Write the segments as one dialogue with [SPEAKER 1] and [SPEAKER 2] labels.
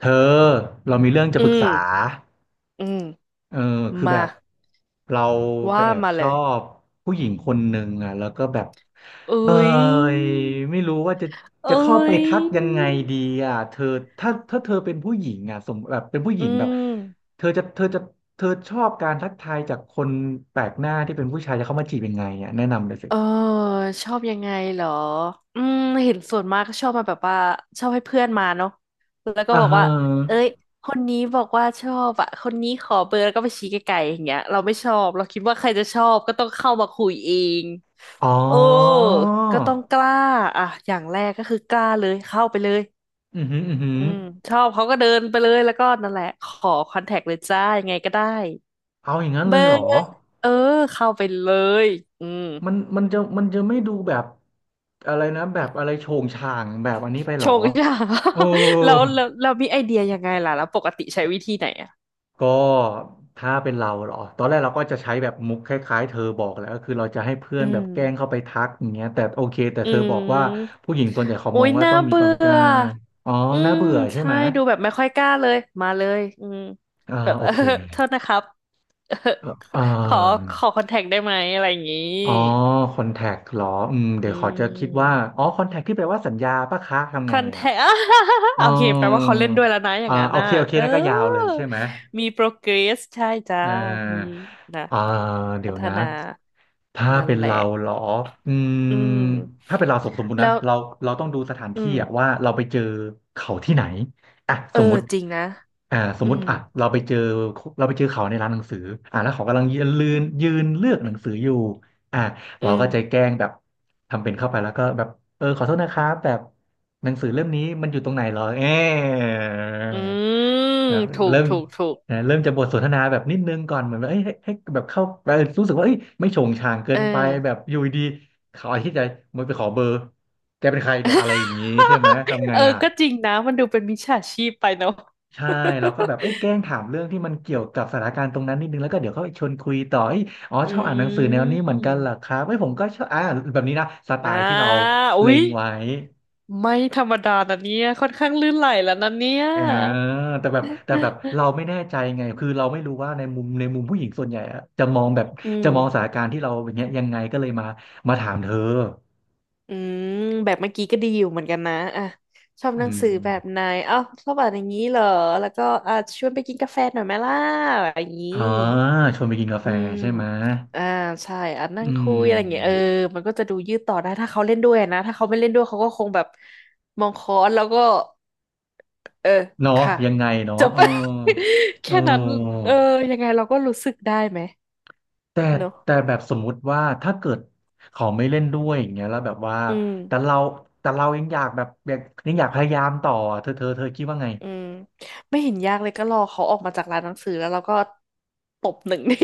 [SPEAKER 1] เธอเรามีเรื่องจะ
[SPEAKER 2] อื
[SPEAKER 1] ปรึกษา
[SPEAKER 2] มอืม
[SPEAKER 1] เออคือ
[SPEAKER 2] มา
[SPEAKER 1] แบบเราไป
[SPEAKER 2] ว่า
[SPEAKER 1] แอบ
[SPEAKER 2] มา
[SPEAKER 1] ช
[SPEAKER 2] เล
[SPEAKER 1] อ
[SPEAKER 2] ย
[SPEAKER 1] บผู้หญิงคนหนึ่งอ่ะแล้วก็แบบ
[SPEAKER 2] เอ
[SPEAKER 1] เออ
[SPEAKER 2] ้ย
[SPEAKER 1] ไม่รู้ว่าจะ
[SPEAKER 2] เอ้
[SPEAKER 1] จะเข้าไป
[SPEAKER 2] ย
[SPEAKER 1] ทักยังไงดีอ่ะเธอถ้าเธอเป็นผู้หญิงอ่ะแบบเป็นผู้ห
[SPEAKER 2] อื
[SPEAKER 1] ญิงแบบ
[SPEAKER 2] ม
[SPEAKER 1] เธอจะเธอจะเธอชอบการทักทายจากคนแปลกหน้าที่เป็นผู้ชายจะเข้ามาจีบยังไงอ่ะแนะนำเลยสิ
[SPEAKER 2] เออชอบยังไงเหรออืมเห็นส่วนมากก็ชอบมาแบบว่าชอบให้เพื่อนมาเนาะแล้วก็
[SPEAKER 1] อ่า
[SPEAKER 2] บอก
[SPEAKER 1] ฮะ
[SPEAKER 2] ว่าเอ้ยคนนี้บอกว่าชอบอะคนนี้ขอเบอร์แล้วก็ไปชี้ไกลๆอย่างเงี้ยเราไม่ชอบเราคิดว่าใครจะชอบก็ต้องเข้ามาคุยเอง
[SPEAKER 1] อ๋อ
[SPEAKER 2] โอ้ก็ต้องกล้าอ่ะอย่างแรกก็คือกล้าเลยเข้าไปเลย
[SPEAKER 1] อือหืออือหือ
[SPEAKER 2] อืมชอบเขาก็เดินไปเลยแล้วก็นั่นแหละขอคอนแทคเลยจ้ายังไงก็ได้
[SPEAKER 1] เอาอย่างนั้น
[SPEAKER 2] เบ
[SPEAKER 1] เล
[SPEAKER 2] อ
[SPEAKER 1] ยเหร
[SPEAKER 2] ร์
[SPEAKER 1] อ
[SPEAKER 2] เออเข้าไปเลยอืม
[SPEAKER 1] มันจะไม่ดูแบบอะไรนะแบบอะไรโฉงฉางแบบอันนี้ไปหร
[SPEAKER 2] ช
[SPEAKER 1] อ
[SPEAKER 2] งจ้า
[SPEAKER 1] เออ
[SPEAKER 2] แล้วเรามีไอเดียยังไงล่ะแล้วปกติใช้วิธีไหนอ่ะ
[SPEAKER 1] ก็ถ้าเป็นเราเหรอตอนแรกเราก็จะใช้แบบมุกคล้ายๆเธอบอกแหล้วก็คือเราจะให้เพื่อ
[SPEAKER 2] อื
[SPEAKER 1] นแบบ
[SPEAKER 2] ม
[SPEAKER 1] แกล้งเข้าไปทักอย่างเงี้ยแต่โอเคแต่
[SPEAKER 2] อื
[SPEAKER 1] เธอบอกว่า
[SPEAKER 2] ม
[SPEAKER 1] ผู้หญิงส่วนใหญ่เขา
[SPEAKER 2] โอ้
[SPEAKER 1] มอง
[SPEAKER 2] ย
[SPEAKER 1] ว่า
[SPEAKER 2] น่า
[SPEAKER 1] ต้องมีค
[SPEAKER 2] เบื่
[SPEAKER 1] วามก
[SPEAKER 2] อ
[SPEAKER 1] ล้าอ๋อ
[SPEAKER 2] อื
[SPEAKER 1] น่า
[SPEAKER 2] ม
[SPEAKER 1] เบื่อใช่
[SPEAKER 2] ใช่
[SPEAKER 1] ไหม
[SPEAKER 2] ดูแบบไม่ค่อยกล้าเลยมาเลยอืม
[SPEAKER 1] อ่า
[SPEAKER 2] แบบ
[SPEAKER 1] โอ
[SPEAKER 2] เออ
[SPEAKER 1] เค
[SPEAKER 2] โทษนะครับ เออ
[SPEAKER 1] เอ่อเอ่
[SPEAKER 2] ขอ
[SPEAKER 1] อ
[SPEAKER 2] ขอคอนแทคได้ไหมอะไรอย่างงี้
[SPEAKER 1] อ๋อคอนแทคหรอเดี๋
[SPEAKER 2] อื
[SPEAKER 1] ยวขอจะคิดว่า
[SPEAKER 2] ม
[SPEAKER 1] อ๋อคอนแทคที่แปลว่าสัญญาปะคะทำ
[SPEAKER 2] ค
[SPEAKER 1] ไง
[SPEAKER 2] อนแท
[SPEAKER 1] อ่ะ
[SPEAKER 2] ค
[SPEAKER 1] อ๋อ
[SPEAKER 2] โอเคแปลว่าเขาเล่นด้วยแล้วนะอ
[SPEAKER 1] อ่า
[SPEAKER 2] ย่างนั้น
[SPEAKER 1] โอ
[SPEAKER 2] น่ะ
[SPEAKER 1] เคโอเค
[SPEAKER 2] เอ
[SPEAKER 1] นั่นก็ยาวเลย
[SPEAKER 2] อ
[SPEAKER 1] ใช่ไหม
[SPEAKER 2] มี progress ใช่จ้า
[SPEAKER 1] เ
[SPEAKER 2] มี
[SPEAKER 1] ออ
[SPEAKER 2] นะ
[SPEAKER 1] อ่าเดี๋
[SPEAKER 2] พั
[SPEAKER 1] ยว
[SPEAKER 2] ฒ
[SPEAKER 1] นะ
[SPEAKER 2] นา
[SPEAKER 1] ถ้า
[SPEAKER 2] นั่น
[SPEAKER 1] เป็น
[SPEAKER 2] แห
[SPEAKER 1] เรา
[SPEAKER 2] ละ
[SPEAKER 1] เหรออืม
[SPEAKER 2] อื
[SPEAKER 1] ถ้าเป็
[SPEAKER 2] ม
[SPEAKER 1] นเราสมมุตินะ
[SPEAKER 2] แล้ว
[SPEAKER 1] เราเราต้องดูสถาน
[SPEAKER 2] อื
[SPEAKER 1] ที่อะ
[SPEAKER 2] ม
[SPEAKER 1] ว่าเราไปเจอเขาที่ไหนอ่ะ
[SPEAKER 2] เอ
[SPEAKER 1] ส
[SPEAKER 2] อ
[SPEAKER 1] มมุติ
[SPEAKER 2] จริงนะ
[SPEAKER 1] สม
[SPEAKER 2] อื
[SPEAKER 1] มุติ
[SPEAKER 2] ม
[SPEAKER 1] อ่ะเราไปเจอเขาในร้านหนังสืออ่ะแล้วเขากำลังยืนยืนเลือกหนังสืออยู่อ่ะ
[SPEAKER 2] อื
[SPEAKER 1] เรา
[SPEAKER 2] ม
[SPEAKER 1] ก็ใจแกล้งแบบทำเป็นเข้าไปแล้วก็แบบเออขอโทษนะครับแบบหนังสือเล่มนี้มันอยู่ตรงไหนเหรอเออ
[SPEAKER 2] อืม
[SPEAKER 1] แบบ
[SPEAKER 2] ถูก
[SPEAKER 1] เริ่ม
[SPEAKER 2] ถูกถูก
[SPEAKER 1] นะเริ่มจะบทสนทนาแบบนิดนึงก่อนเหมือนแบบเอ้ยให้แบบเข้าเออรู้สึกว่าเอ้ยไม่โฉงฉางเกิ
[SPEAKER 2] เอ
[SPEAKER 1] นไปแบ
[SPEAKER 2] อ
[SPEAKER 1] บอยู่ดีเขาอาทิตย์ใจมันไปขอเบอร์แกเป็นใครเนี่ยอะไรอย่างงี้ใช่ไหมทำ ไง
[SPEAKER 2] เออ
[SPEAKER 1] อ่ะ
[SPEAKER 2] ก็จริงนะมันดูเป็นมิจฉาชีพไปเนาะ
[SPEAKER 1] ใช่เราก็แบบเอ้ยแกล้งถามเรื่องที่มันเกี่ยวกับสถานการณ์ตรงนั้นนิดนึงแล้วก็เดี๋ยวเขาชวนคุยต่อเอ้ยอ๋อ
[SPEAKER 2] อื
[SPEAKER 1] ชอบอ่านหนังสือแนวนี้เหมือนกันเหรอค
[SPEAKER 2] ม
[SPEAKER 1] รับเอ้ยผมก็ชอบอ่าแบบนี้นะสไต
[SPEAKER 2] อ่า
[SPEAKER 1] ล์ที่เรา
[SPEAKER 2] อุ๊
[SPEAKER 1] เล็
[SPEAKER 2] ย
[SPEAKER 1] งไว้
[SPEAKER 2] ไม่ธรรมดานะเนี่ยค่อนข้างลื่นไหลแล้วนะเนี่ย
[SPEAKER 1] อ่าแต่แบบเราไม่แน่ใจไงคือเราไม่รู้ว่าในมุมผู้หญิงส่วนใหญ่อะจะมองแบบ
[SPEAKER 2] อื
[SPEAKER 1] จะ
[SPEAKER 2] ม
[SPEAKER 1] มองสถานการณ์ที่เราอย่างเงี้ยยังไงก็เลยมาถามเธอ
[SPEAKER 2] อืมแบบเมื่อกี้ก็ดีอยู่เหมือนกันนะอ่ะชอบ
[SPEAKER 1] อื
[SPEAKER 2] หนัง
[SPEAKER 1] ม
[SPEAKER 2] สือแบบไหนอ้าวชอบอ่านอย่างนี้เหรอแล้วก็อ่ะชวนไปกินกาแฟหน่อยไหมล่ะอย่างนี้
[SPEAKER 1] อ่าชวนไปกินกาแฟ
[SPEAKER 2] อืม
[SPEAKER 1] ใช่ไหม
[SPEAKER 2] อ่าใช่อ่ะ
[SPEAKER 1] อื
[SPEAKER 2] นั่งคุยอะไรอย่างเงี้ยเอ
[SPEAKER 1] ม
[SPEAKER 2] อมันก็จะดูยืดต่อได้ถ้าเขาเล่นด้วยนะถ้าเขาไม่เล่นด้วยเขาก็คงแบบมองค้อนแล้วก็เออ
[SPEAKER 1] เนาะ
[SPEAKER 2] ค่ะ
[SPEAKER 1] ยังไงเนาะ
[SPEAKER 2] จบ
[SPEAKER 1] เออ เอ
[SPEAKER 2] แค่นั้น
[SPEAKER 1] อ
[SPEAKER 2] เออยังไงเราก็รู้สึกได้ไหม
[SPEAKER 1] แต่
[SPEAKER 2] เนอะ
[SPEAKER 1] แต่แบบสมมุติว่าถ้าเกิดเขาไม่เล่นด้วยอย่างเงี้ยแล้วแบบว่า
[SPEAKER 2] อื
[SPEAKER 1] แต่
[SPEAKER 2] ม
[SPEAKER 1] เราแต่เรายังอยากแบบอยากยังอยากพยายามต่อเธอคิดว่าไง
[SPEAKER 2] อืมไม่เห็นยากเลยก็รอเขาออกมาจากร้านหนังสือแล้วเราก็ตบหนึ่งที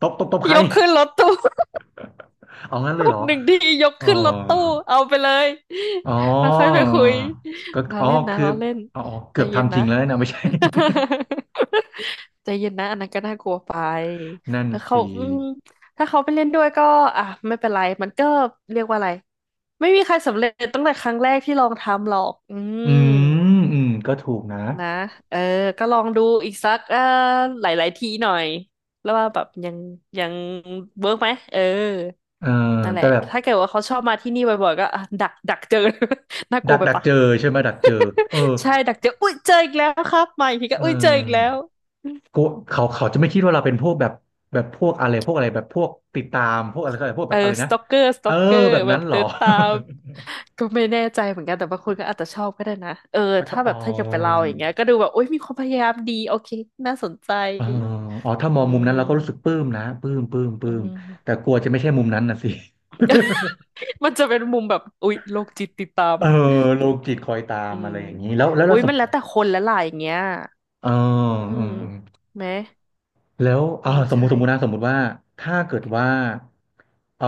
[SPEAKER 1] ตบตบใคร
[SPEAKER 2] ยกขึ้นรถตู้
[SPEAKER 1] เอางั้น
[SPEAKER 2] ต
[SPEAKER 1] เลยเหร
[SPEAKER 2] บ
[SPEAKER 1] อ
[SPEAKER 2] หนึ่งทียก
[SPEAKER 1] อ๋อ
[SPEAKER 2] ขึ้นรถตู้เอาไปเลย
[SPEAKER 1] อ๋อ
[SPEAKER 2] แล้วค่อยไปคุย
[SPEAKER 1] ก็
[SPEAKER 2] เรา
[SPEAKER 1] อ๋อ
[SPEAKER 2] เล่นนะ
[SPEAKER 1] คือ
[SPEAKER 2] เราเล่น
[SPEAKER 1] อ๋อ
[SPEAKER 2] ใจ
[SPEAKER 1] เกือบ
[SPEAKER 2] เย็น
[SPEAKER 1] ทำจ
[SPEAKER 2] นะ
[SPEAKER 1] ริงแล้วนะไม่ใช่
[SPEAKER 2] ใจเย็นนะอันนั้นก็น่ากลัวไป
[SPEAKER 1] นั่น
[SPEAKER 2] แล้วเขา
[SPEAKER 1] สิ
[SPEAKER 2] อืมถ้าเขาไปเล่นด้วยก็อ่ะไม่เป็นไรมันก็เรียกว่าอะไรไม่มีใครสำเร็จตั้งแต่ครั้งแรกที่ลองทำหรอกอื
[SPEAKER 1] อื
[SPEAKER 2] ม
[SPEAKER 1] มอืมก็ถูกนะ
[SPEAKER 2] นะเออก็ลองดูอีกสักหลายๆทีหน่อยแล้วว่าแบบยังเวิร์กไหมเออ
[SPEAKER 1] เออ
[SPEAKER 2] นั่นแห
[SPEAKER 1] แต่
[SPEAKER 2] ละ
[SPEAKER 1] แบบ
[SPEAKER 2] ถ้าเกิดว่าเขาชอบมาที่นี่บ่อยๆก็อ่ะดักเจอ น่ากลั
[SPEAKER 1] ดั
[SPEAKER 2] ว
[SPEAKER 1] ก
[SPEAKER 2] ไป
[SPEAKER 1] ดัก
[SPEAKER 2] ปะ
[SPEAKER 1] เจอใช่ไหมดักเจอเออ
[SPEAKER 2] ใช่ดักเจออุ้ยเจออีกแล้วครับมาอีกที
[SPEAKER 1] เ
[SPEAKER 2] ก็อุ้ยเจออีกแล้
[SPEAKER 1] ออ
[SPEAKER 2] ว
[SPEAKER 1] กูเขาเขาจะไม่คิดว่าเราเป็นพวกแบบแบบพวกอะไรพวกอะไรแบบพวกติดตามพวกอะไรอะไรพวก
[SPEAKER 2] เอ
[SPEAKER 1] แบ
[SPEAKER 2] อ
[SPEAKER 1] บอะไร
[SPEAKER 2] ส
[SPEAKER 1] นะ
[SPEAKER 2] ต็อกเกอร์สต็
[SPEAKER 1] เอ
[SPEAKER 2] อ
[SPEAKER 1] อ
[SPEAKER 2] กเกอร์
[SPEAKER 1] แบบ
[SPEAKER 2] แบ
[SPEAKER 1] นั้น
[SPEAKER 2] บ
[SPEAKER 1] เหรอ
[SPEAKER 2] เดินตามก็ไม่แน่ใจเหมือนกันแต่บางคนก็อาจจะชอบก็ได้นะเออ
[SPEAKER 1] อ๋อ
[SPEAKER 2] ถ้า
[SPEAKER 1] อ
[SPEAKER 2] แบ
[SPEAKER 1] อ๋อ
[SPEAKER 2] บถ้าอย่างเป็นเราอย่างเงี้ยก็ดูแบบอุ้ยมีความพยายามดีโอเคน่าสนใจ
[SPEAKER 1] เอออ๋อถ้ามอ
[SPEAKER 2] อื
[SPEAKER 1] งมุมนั้นเราก็รู้สึก
[SPEAKER 2] ม
[SPEAKER 1] ปลื้มนะปลื้มปลื้มป
[SPEAKER 2] อื
[SPEAKER 1] ลื้มแต่
[SPEAKER 2] ม
[SPEAKER 1] กลัวจะไม่ใช่มุมนั้นนะสิ
[SPEAKER 2] มันจะเป็นมุมแบบอุ๊ยโรคจิตติดตาม
[SPEAKER 1] เออโลจิตคอยตาม
[SPEAKER 2] อื
[SPEAKER 1] อะ
[SPEAKER 2] ม
[SPEAKER 1] ไรอย่างนี้แล้ว
[SPEAKER 2] อุ๊
[SPEAKER 1] เรา
[SPEAKER 2] ย
[SPEAKER 1] สม
[SPEAKER 2] มัน
[SPEAKER 1] ม
[SPEAKER 2] แล้ว
[SPEAKER 1] ติ
[SPEAKER 2] แต่คนและหลายอย่างเงี้ย
[SPEAKER 1] เออ
[SPEAKER 2] อืม
[SPEAKER 1] อืม
[SPEAKER 2] ไหม
[SPEAKER 1] แล้ว
[SPEAKER 2] เอ
[SPEAKER 1] อ่า
[SPEAKER 2] อ
[SPEAKER 1] สมมุติ
[SPEAKER 2] ใช่
[SPEAKER 1] สมมุตินะสมมุติว่าถ้าเกิดว่าเออ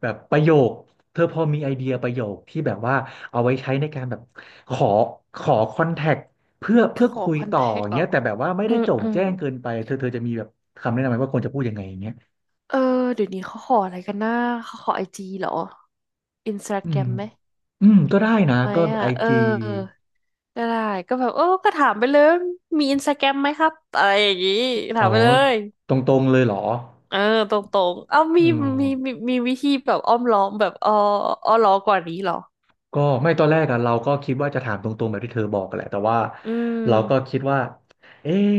[SPEAKER 1] แบบประโยคเธอพอมีไอเดียประโยคที่แบบว่าเอาไว้ใช้ในการแบบขอขอคอนแทคเพื่อ
[SPEAKER 2] ข
[SPEAKER 1] เพื่อ
[SPEAKER 2] อ
[SPEAKER 1] คุย
[SPEAKER 2] คอน
[SPEAKER 1] ต่อ
[SPEAKER 2] แท
[SPEAKER 1] อ
[SPEAKER 2] ค
[SPEAKER 1] ย่าง
[SPEAKER 2] เหร
[SPEAKER 1] เงี้
[SPEAKER 2] อ
[SPEAKER 1] ยแต่แบบว่าไม่
[SPEAKER 2] อื
[SPEAKER 1] ได้
[SPEAKER 2] ม
[SPEAKER 1] โจ่ง
[SPEAKER 2] อืม
[SPEAKER 1] แจ้งเกินไปเธอจะมีแบบคำแนะนำไหมว่าควรจะพูดยังไงอย่างเงี้ย
[SPEAKER 2] เออเดี๋ยวนี้เขาขออะไรกันนะเขาขอไอจีเหรออินสตา
[SPEAKER 1] อื
[SPEAKER 2] แกร
[SPEAKER 1] ม
[SPEAKER 2] มไหม
[SPEAKER 1] อืมก็ได้นะ
[SPEAKER 2] ไหม
[SPEAKER 1] ก็
[SPEAKER 2] อ่ะ
[SPEAKER 1] ไอ
[SPEAKER 2] เออ
[SPEAKER 1] จี
[SPEAKER 2] ได้ก็แบบเออก็ถามไปเลยมีอินสตาแกรมไหมครับอะไรอย่างงี้
[SPEAKER 1] อ๋
[SPEAKER 2] ถา
[SPEAKER 1] อ
[SPEAKER 2] มไปเลย
[SPEAKER 1] ตรงๆเลยเหรอ
[SPEAKER 2] เออตรงๆเอ้า
[SPEAKER 1] อื
[SPEAKER 2] มีมี
[SPEAKER 1] ม
[SPEAKER 2] มีมีวิธีแบบอ้อมล้อมแบบอ้อล้อมกว่านนี้เหรอ
[SPEAKER 1] ก็ไม่ตอนแรกอะเราก็คิดว่าจะถามตรงๆแบบที่เธอบอกกันแหละแต่ว่า
[SPEAKER 2] อื
[SPEAKER 1] เราก็
[SPEAKER 2] ม
[SPEAKER 1] คิดว่าเอ๊ะ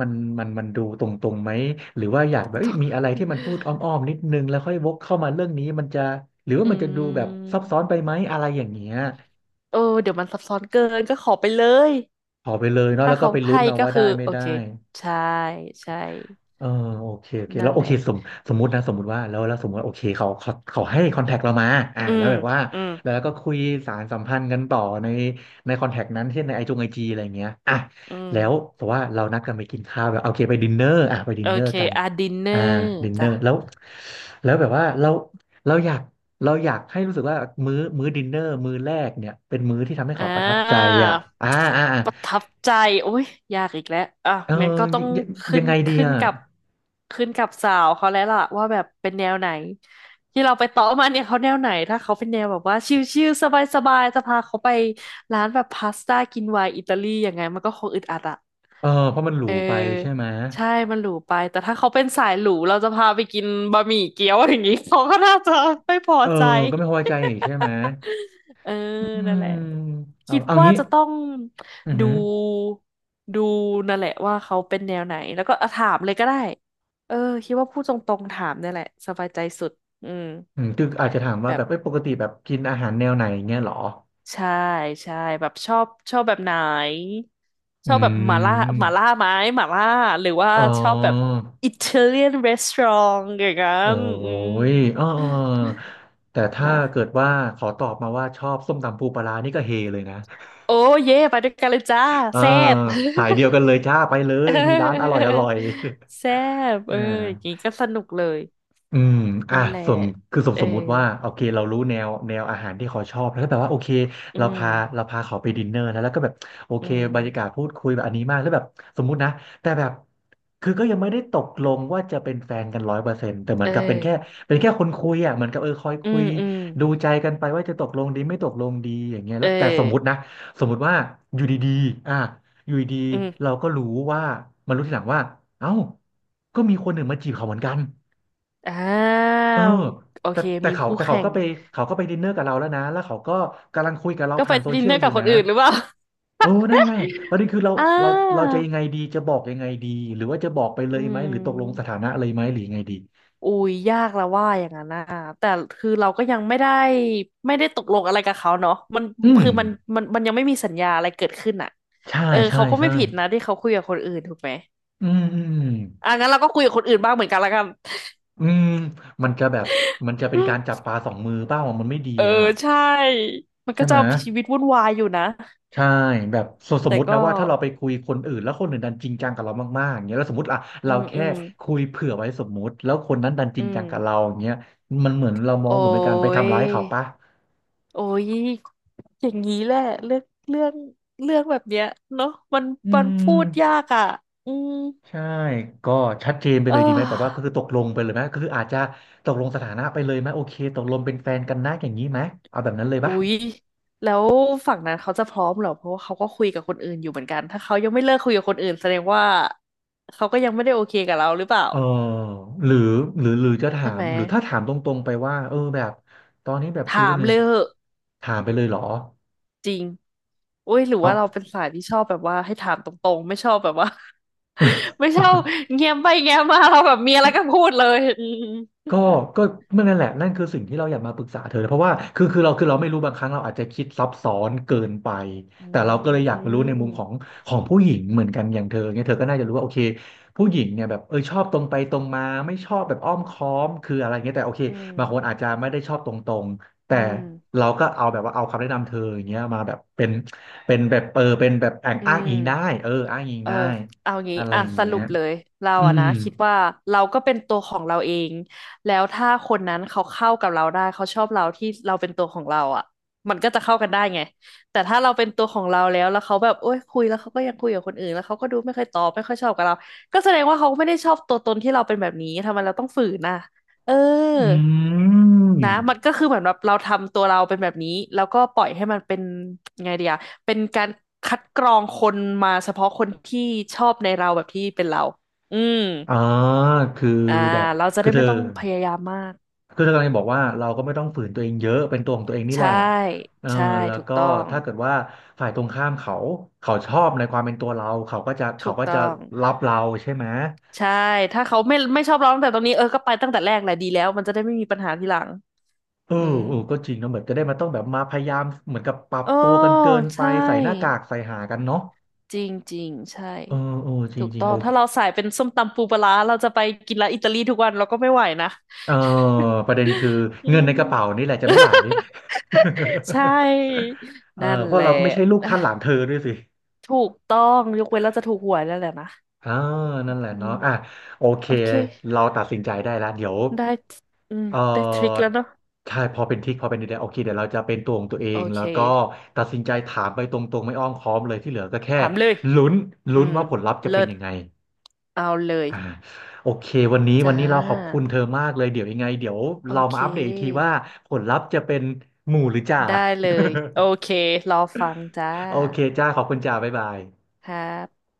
[SPEAKER 1] มันมันดูตรงๆไหมหรือว่าอยากแบบเอ้
[SPEAKER 2] ต่
[SPEAKER 1] ยมีอะ
[SPEAKER 2] อ
[SPEAKER 1] ไรที่มันพูดอ้อมๆนิดนึงแล้วค่อยวกเข้ามาเรื่องนี้มันจะหรือว่า
[SPEAKER 2] อื
[SPEAKER 1] มันจะดูแบบซับซ้อนไป
[SPEAKER 2] ม
[SPEAKER 1] ไหมอะไรอย่างเงี้ย
[SPEAKER 2] เออเดี๋ยวมันซับซ้อนเกินก็ขอไปเลย
[SPEAKER 1] ขอไปเลยเนาะ
[SPEAKER 2] ถ้า
[SPEAKER 1] แล้วก็
[SPEAKER 2] เขา
[SPEAKER 1] ไปลุ้
[SPEAKER 2] ให้
[SPEAKER 1] นเอา
[SPEAKER 2] ก็
[SPEAKER 1] ว่า
[SPEAKER 2] คื
[SPEAKER 1] ได้
[SPEAKER 2] อ
[SPEAKER 1] ไม่
[SPEAKER 2] โอ
[SPEAKER 1] ได้
[SPEAKER 2] เค ใช่ ใช่
[SPEAKER 1] เออโอเคโอเค
[SPEAKER 2] นั่
[SPEAKER 1] แล้ว
[SPEAKER 2] น
[SPEAKER 1] โอ
[SPEAKER 2] แหละ
[SPEAKER 1] เคสมมุติว่าแล้วแล้วสมมติว่าโอเคเขาให้คอนแทคเรามาอ่า
[SPEAKER 2] อื
[SPEAKER 1] แล้ว
[SPEAKER 2] ม
[SPEAKER 1] แบบว่า
[SPEAKER 2] อืม
[SPEAKER 1] แล้วก็คุยสารสัมพันธ์กันต่อในคอนแทคนั้นเช่นในไอจีอะไรเงี้ยอ่ะ
[SPEAKER 2] อืม
[SPEAKER 1] แล้วแต่ว่าเรานัดกันไปกินข้าวแบบโอเคไปดินเนอร์อ่ะไปดิ
[SPEAKER 2] โอ
[SPEAKER 1] นเนอ
[SPEAKER 2] เค
[SPEAKER 1] ร์กัน
[SPEAKER 2] อ่ะดินเนอ
[SPEAKER 1] อ่า
[SPEAKER 2] ร์
[SPEAKER 1] ดินเนอ
[SPEAKER 2] จ้ะ
[SPEAKER 1] ร์แล้วแล้วแบบว่าเราเราอยากเราอยากให้รู้สึกว่ามื้อดินเนอร์มื้อแรกเนี่ยเป็นมื้อที่ทำให้
[SPEAKER 2] อ่
[SPEAKER 1] เขาประทับใจ
[SPEAKER 2] า
[SPEAKER 1] อ่ะอ่าอ่าอ่า
[SPEAKER 2] ประทับใจโอ้ยยากอีกแล้วอ่ะ
[SPEAKER 1] เออ
[SPEAKER 2] มันก็ต้อ
[SPEAKER 1] ยั
[SPEAKER 2] ง
[SPEAKER 1] งยัง
[SPEAKER 2] ขึ้
[SPEAKER 1] ยั
[SPEAKER 2] น
[SPEAKER 1] งไงดี
[SPEAKER 2] ขึ้น
[SPEAKER 1] อ่ะ
[SPEAKER 2] กับขึ้นกับสาวเขาแล้วล่ะว่าแบบเป็นแนวไหนที่เราไปต่อมาเนี่ยเขาแนวไหนถ้าเขาเป็นแนวแบบว่าชิลๆสบายๆจะพาเขาไปร้านแบบพาสต้ากินไวน์อิตาลีอย่างไงมันก็คงอึดอัดอะ
[SPEAKER 1] เออเพราะมันหรู
[SPEAKER 2] เอ
[SPEAKER 1] ไปใช่
[SPEAKER 2] อ
[SPEAKER 1] ไหม
[SPEAKER 2] ใช่มันหรูไปแต่ถ้าเขาเป็นสายหรูเราจะพาไปกินบะหมี่เกี๊ยวอย่างนี้เขาก็น่าจะไม่พอ
[SPEAKER 1] เออ
[SPEAKER 2] ใจ
[SPEAKER 1] ก็ไม่พอใจอีกใช่ไหม
[SPEAKER 2] เออ
[SPEAKER 1] อื
[SPEAKER 2] นั่น
[SPEAKER 1] ม
[SPEAKER 2] แหละ คิด
[SPEAKER 1] เอา
[SPEAKER 2] ว่า
[SPEAKER 1] งี้
[SPEAKER 2] จะต้อง
[SPEAKER 1] อือ
[SPEAKER 2] ดู
[SPEAKER 1] หือ
[SPEAKER 2] ดูนั่นแหละว่าเขาเป็นแนวไหนแล้วก็อ่ะถามเลยก็ได้เออคิดว่าพูดตรงๆถามเนี่ยแหละสบายใจสุดอืม
[SPEAKER 1] อืมคืออาจจะถามว่าแบ
[SPEAKER 2] แบบ
[SPEAKER 1] บเอ้ยปกติแบบกินอาหารแนวไหนเงี้ยเหรอ
[SPEAKER 2] ใช่ใช่แบบชอบชอบแบบไหนช
[SPEAKER 1] อื
[SPEAKER 2] อบแบบหม่าล่า
[SPEAKER 1] ม
[SPEAKER 2] ไหมหม่าล่าหรือว่า
[SPEAKER 1] อ๋อ
[SPEAKER 2] ชอบแบบอิตาเลียนรีสอร์ทอย่างนั้
[SPEAKER 1] โอ้
[SPEAKER 2] นอืม
[SPEAKER 1] ยอ๋ออ๋อแต่ถ้า
[SPEAKER 2] นะ
[SPEAKER 1] เกิดว่าขอตอบมาว่าชอบส้มตำปูปลาร้านี่ก็เฮเลยนะ
[SPEAKER 2] โอ้เย่ไปด้วยกันเลยจ้า
[SPEAKER 1] เออ
[SPEAKER 2] แซ่บ
[SPEAKER 1] สายเดียวกันเลยจ้าไปเล
[SPEAKER 2] เ
[SPEAKER 1] ย มีร้านอร่อย
[SPEAKER 2] ออ
[SPEAKER 1] อร่อย
[SPEAKER 2] แซ่บ เอ
[SPEAKER 1] อ่า
[SPEAKER 2] ออย่างนี้ก็สนุกเลย
[SPEAKER 1] อืมอ่ะ
[SPEAKER 2] นั่นแหละ
[SPEAKER 1] สมคือสม
[SPEAKER 2] เออ
[SPEAKER 1] สมมุติว่าโอเคเรารู้แนวอาหารที่เขาชอบแล้วก็แบบว่าโอเค
[SPEAKER 2] อื
[SPEAKER 1] เรา
[SPEAKER 2] ม
[SPEAKER 1] พาเราพาเขาไปดินเนอร์นะแล้วก็แบบโอ
[SPEAKER 2] อื
[SPEAKER 1] เค
[SPEAKER 2] ม
[SPEAKER 1] บรรยากาศพูดคุยแบบอันนี้มากแล้วแบบสมมุตินะแต่แบบคือก็ยังไม่ได้ตกลงว่าจะเป็นแฟนกันร้อยเปอร์เซ็นต์แต่เหมือ
[SPEAKER 2] เอ
[SPEAKER 1] นกับเป็นแค่
[SPEAKER 2] อ
[SPEAKER 1] เป็นแค่คนคุยอ่ะเหมือนกับเออคอย
[SPEAKER 2] อื
[SPEAKER 1] คุ
[SPEAKER 2] ม
[SPEAKER 1] ย
[SPEAKER 2] อืม
[SPEAKER 1] ดูใจกันไปว่าจะตกลงดีไม่ตกลงดีอย่างเงี้ย
[SPEAKER 2] เอ
[SPEAKER 1] แล้วแต่สมมุติ
[SPEAKER 2] อ
[SPEAKER 1] นะสมมุติว่าอยู่ดีๆอ่ะอยู่ดี
[SPEAKER 2] อื
[SPEAKER 1] ๆเรา
[SPEAKER 2] ม
[SPEAKER 1] ก็รู้ว่ามารู้ทีหลังว่าเอ้าก็มีคนหนึ่งมาจีบเขาเหมือนกัน
[SPEAKER 2] อ้า
[SPEAKER 1] เออ
[SPEAKER 2] วโอ
[SPEAKER 1] แต่
[SPEAKER 2] เคมีคู่
[SPEAKER 1] เขา
[SPEAKER 2] แข่
[SPEAKER 1] ก็
[SPEAKER 2] ง
[SPEAKER 1] ไปเขาก็ไปดินเนอร์กับเราแล้วนะแล้วเขาก็กำลังคุยกับเรา
[SPEAKER 2] ก็ไป
[SPEAKER 1] ผ่านโซ
[SPEAKER 2] ดิ
[SPEAKER 1] เชี
[SPEAKER 2] น
[SPEAKER 1] ย
[SPEAKER 2] เน
[SPEAKER 1] ล
[SPEAKER 2] อร์
[SPEAKER 1] อ
[SPEAKER 2] กั
[SPEAKER 1] ยู่
[SPEAKER 2] บคน
[SPEAKER 1] นะ
[SPEAKER 2] อื่นหรือเปล่า
[SPEAKER 1] เออนั่นแหละประเด็นคือ
[SPEAKER 2] อ่
[SPEAKER 1] เราเรา
[SPEAKER 2] า
[SPEAKER 1] จะยังไงดีจะบอกยังไงดีหรือว่าจะบอกไปเล
[SPEAKER 2] อื
[SPEAKER 1] ยไหมหรือตกลงสถา
[SPEAKER 2] ม
[SPEAKER 1] นะเลยไหมหรือยังไงดี
[SPEAKER 2] อุ้ยยากแล้วว่าอย่างนั้นนะแต่คือเราก็ยังไม่ได้ตกลงอะไรกับเขาเนาะมัน
[SPEAKER 1] อืม
[SPEAKER 2] คือมันยังไม่มีสัญญาอะไรเกิดขึ้นอ่ะ
[SPEAKER 1] ใช่
[SPEAKER 2] เออ
[SPEAKER 1] ใช่
[SPEAKER 2] เขาก็ไม่
[SPEAKER 1] ใช่
[SPEAKER 2] ผิดนะที่เขาคุยกับคนอื่นถูกไหม
[SPEAKER 1] อืมอืม
[SPEAKER 2] อ่ะงั้นเราก็คุยกับคนอื่นบ้างเหมือนกันละกัน
[SPEAKER 1] อืมมันจะแบบมันจะเป็นการจับปลาสองมือเปล่ามันไม่ดี
[SPEAKER 2] เออ
[SPEAKER 1] อ่ะ
[SPEAKER 2] ใช่ มัน
[SPEAKER 1] ใช่
[SPEAKER 2] ก็
[SPEAKER 1] ไห
[SPEAKER 2] จะ
[SPEAKER 1] ม
[SPEAKER 2] ชีวิตวุ่นวายอยู่นะ
[SPEAKER 1] ใช่แบบสม
[SPEAKER 2] แต่
[SPEAKER 1] มตินะ
[SPEAKER 2] ก็
[SPEAKER 1] ว่าถ้าเราไปคุยคนอื่นแล้วคนอื่นดันจริงจังกับเรามากๆอย่างเงี้ยแล้วสมมติอ่ะ
[SPEAKER 2] อื
[SPEAKER 1] เรา
[SPEAKER 2] มอื
[SPEAKER 1] แค่
[SPEAKER 2] ม
[SPEAKER 1] คุยเผื่อไว้สมมุติแล้วคนนั้นดันจ
[SPEAKER 2] อื
[SPEAKER 1] ริงจั
[SPEAKER 2] ม
[SPEAKER 1] งกับเราอย่างเงี้ยมันเหมือนเรามอง
[SPEAKER 2] โอ้
[SPEAKER 1] เหมือนเป็นการไป
[SPEAKER 2] ย
[SPEAKER 1] ทำร้ายเขาปะ
[SPEAKER 2] โอ้ยอย่างนี้แหละเรื่องเรื่องเรื่องแบบเนี้ยเนาะมัน
[SPEAKER 1] อื
[SPEAKER 2] มัน
[SPEAKER 1] ม
[SPEAKER 2] พูดยากอ่ะอืม
[SPEAKER 1] ใช่ก็ชัดเจนไป
[SPEAKER 2] เ
[SPEAKER 1] เลยดีไหมแบบว่าก็
[SPEAKER 2] ออ
[SPEAKER 1] คือตกลงไปเลยไหมก็คืออาจจะตกลงสถานะไปเลยไหมโอเคตกลงเป็นแฟนกันนะอย่างนี้ไหมเอาแบบนั้นเลย
[SPEAKER 2] อุ๊
[SPEAKER 1] ปะ
[SPEAKER 2] ยแล้วฝั่งนั้นเขาจะพร้อมเหรอเพราะว่าเขาก็คุยกับคนอื่นอยู่เหมือนกันถ้าเขายังไม่เลิกคุยกับคนอื่นแสดงว่าเขาก็ยังไม่ได้โอเคกับเราหรือเปล่า
[SPEAKER 1] เออหรือหรือจะถา
[SPEAKER 2] ใช่ไห
[SPEAKER 1] ม
[SPEAKER 2] ม
[SPEAKER 1] หรือถ้าถามตรงๆไปว่าเออแบบตอนนี้แบบคุย
[SPEAKER 2] ถา
[SPEAKER 1] ค
[SPEAKER 2] ม
[SPEAKER 1] นอื่
[SPEAKER 2] เล
[SPEAKER 1] น
[SPEAKER 2] ยเหอะ
[SPEAKER 1] ถามไปเลยเหรอ
[SPEAKER 2] จริงโอ้ยหรือ
[SPEAKER 1] เอา
[SPEAKER 2] ว่าเราเป็นสายที่ชอบแบบว่าให้ถามตรงๆ ไม่ชอบแบบว่า ไม่ชอบ เงียบไปเงียบมาเราแบบมีอะไรก็พูดเลย
[SPEAKER 1] ก็ก็เมื่อนั่นแหละนั่นคือสิ่งที่เราอยากมาปรึกษาเธอเพราะว่าคือเราไม่รู้บางครั้งเราอาจจะคิดซับซ้อนเกินไป
[SPEAKER 2] อื
[SPEAKER 1] แต่เรา
[SPEAKER 2] ม
[SPEAKER 1] ก็เลยอ
[SPEAKER 2] อื
[SPEAKER 1] ยากรู้ในมุ
[SPEAKER 2] ม
[SPEAKER 1] มของผู้หญิงเหมือนกันอย่างเธอเนี่ยเธอก็น่าจะรู้ว่าโอเคผู้หญิงเนี่ยแบบเออชอบตรงไปตรงมาไม่ชอบแบบอ้อมค้อมคืออะไรเงี้ยแต่โอเค
[SPEAKER 2] อืม
[SPEAKER 1] บางคนอาจจะไม่ได้ชอบตรงๆ
[SPEAKER 2] อื
[SPEAKER 1] แต่
[SPEAKER 2] ม
[SPEAKER 1] เราก็เอาแบบว่าเอาคำแนะนำเธออย่างเงี้ยมาแบบเป็นแบบเออเป็นแบบแอง
[SPEAKER 2] อื
[SPEAKER 1] อ้าง
[SPEAKER 2] มอืม
[SPEAKER 1] อิงได้เอออ้างอิง
[SPEAKER 2] เออ
[SPEAKER 1] ได้
[SPEAKER 2] เอางี้
[SPEAKER 1] อะไร
[SPEAKER 2] อ่ะ
[SPEAKER 1] อย่าง
[SPEAKER 2] ส
[SPEAKER 1] เงี้
[SPEAKER 2] รุ
[SPEAKER 1] ย
[SPEAKER 2] ปเลยเรา
[SPEAKER 1] อื
[SPEAKER 2] อะ
[SPEAKER 1] ม
[SPEAKER 2] นะคิดว่าเราก็เป็นตัวของเราเองแล้วถ้าคนนั้นเขาเข้ากับเราได้เขาชอบเราที่เราเป็นตัวของเราอะมันก็จะเข้ากันได้ไงแต่ถ้าเราเป็นตัวของเราแล้วเขาแบบโอ้ยคุยแล้วเขาก็ยังคุยกับคนอื่นแล้วเขาก็ดูไม่เคยตอบไม่ค่อยชอบกับเราก็แสดงว่าเขาไม่ได้ชอบตัวตนที่เราเป็นแบบนี้ทำไมเราต้องฝืนอ่ะเออ
[SPEAKER 1] อืม
[SPEAKER 2] นะมันก็คือเหมือนแบบเราทำตัวเราเป็นแบบนี้แล้วก็ปล่อยให้มันเป็นไงเดีย เป็นการคัดกรองคนมาเฉพาะคนที่ชอบในเราแบบที่เป็นเรา อืม
[SPEAKER 1] อ่าคือ
[SPEAKER 2] อ่า
[SPEAKER 1] แบบ
[SPEAKER 2] เราจะ
[SPEAKER 1] คื
[SPEAKER 2] ได้
[SPEAKER 1] อเธ
[SPEAKER 2] ไม่
[SPEAKER 1] อ
[SPEAKER 2] ต้องพยายามมาก
[SPEAKER 1] คือเธอกำลังจะบอกว่าเราก็ไม่ต้องฝืนตัวเองเยอะเป็นตัวของตัวเองนี่แห
[SPEAKER 2] ใช่
[SPEAKER 1] ละเออ
[SPEAKER 2] ใช่
[SPEAKER 1] แล้ว
[SPEAKER 2] ถูก
[SPEAKER 1] ก็
[SPEAKER 2] ต้อง
[SPEAKER 1] ถ้าเกิดว่าฝ่ายตรงข้ามเขาชอบในความเป็นตัวเราเขาก็จะ
[SPEAKER 2] ถู
[SPEAKER 1] เขา
[SPEAKER 2] ก
[SPEAKER 1] ก็จะ
[SPEAKER 2] ต้อง
[SPEAKER 1] รับเราใช่ไหม
[SPEAKER 2] ใช่ ถ้าเขาไม่ชอบเราตั้งแต่ตรงนี้เออ ก็ไปตั้งแต่แรกแหละดีแล้วมันจะได้ไม่มีปัญหาทีหลัง
[SPEAKER 1] เออ
[SPEAKER 2] อืม
[SPEAKER 1] เออก็จริงเนอะเหมือนจะได้มาต้องแบบมาพยายามเหมือนกับปรับ
[SPEAKER 2] โอ้
[SPEAKER 1] ตัวกันเกินไป
[SPEAKER 2] ใช่
[SPEAKER 1] ใส่หน้ากากใส่หากันเนาะ
[SPEAKER 2] จริงจริงใช่
[SPEAKER 1] เออเออจริง
[SPEAKER 2] ถูก
[SPEAKER 1] จริง
[SPEAKER 2] ต้อง
[SPEAKER 1] โอ
[SPEAKER 2] ถ้าเราสายเป็นส้มตำปูปลาร้าเราจะไปกินร้านอิตาลีทุกวันเราก็ไม่ไหวนะ
[SPEAKER 1] เออประเด็นคือ
[SPEAKER 2] อื
[SPEAKER 1] เงินในกระเป๋า
[SPEAKER 2] ม
[SPEAKER 1] นี่แหละจะไม่ไหว
[SPEAKER 2] ใช ่
[SPEAKER 1] เออ
[SPEAKER 2] นั่น
[SPEAKER 1] เพ
[SPEAKER 2] แห
[SPEAKER 1] ราะ
[SPEAKER 2] ละ
[SPEAKER 1] เราก็ไม่ใช่ลูกท่านหลานเธอด้วยสิ
[SPEAKER 2] ถูกต้องยกเว้นเราจะถูกหวยแล้วแหละนะ
[SPEAKER 1] อ่า
[SPEAKER 2] อื
[SPEAKER 1] นั่นแหละ
[SPEAKER 2] ม
[SPEAKER 1] เนาะอ่ะโอเค
[SPEAKER 2] โอเค
[SPEAKER 1] เราตัดสินใจได้แล้วเดี๋ยว
[SPEAKER 2] ได้อืม
[SPEAKER 1] เอ
[SPEAKER 2] ได้ทริค
[SPEAKER 1] อ
[SPEAKER 2] แล้วเนาะ
[SPEAKER 1] ใช่พอเป็นดีๆโอเคเดี๋ยวเราจะเป็นตัวของตัวเอ
[SPEAKER 2] โอ
[SPEAKER 1] งแล้
[SPEAKER 2] เค
[SPEAKER 1] วก็ตัดสินใจถามไปตรงๆไม่อ้อมค้อมเลยที่เหลือก็แค่
[SPEAKER 2] ถามเลย
[SPEAKER 1] ลุ้น
[SPEAKER 2] อื
[SPEAKER 1] ลุ้น
[SPEAKER 2] ม
[SPEAKER 1] ว่าผลลัพธ์จะเป็
[SPEAKER 2] เลิ
[SPEAKER 1] น
[SPEAKER 2] ศ
[SPEAKER 1] ยังไง
[SPEAKER 2] เอาเลย
[SPEAKER 1] อ่าโอเควันนี้วั
[SPEAKER 2] จ้า
[SPEAKER 1] นนี้เราขอบคุณเธอมากเลยเดี๋ยวยังไงเดี๋ยว
[SPEAKER 2] โอ
[SPEAKER 1] เรา
[SPEAKER 2] เค
[SPEAKER 1] มาอัปเดตอีกทีว่าผลลัพธ์จะเป็นหมู่หรือจ่า
[SPEAKER 2] ได้เลย โอเค รอฟังจ้า
[SPEAKER 1] โอเคจ้าขอบคุณจ้าบ๊ายบาย
[SPEAKER 2] ครับ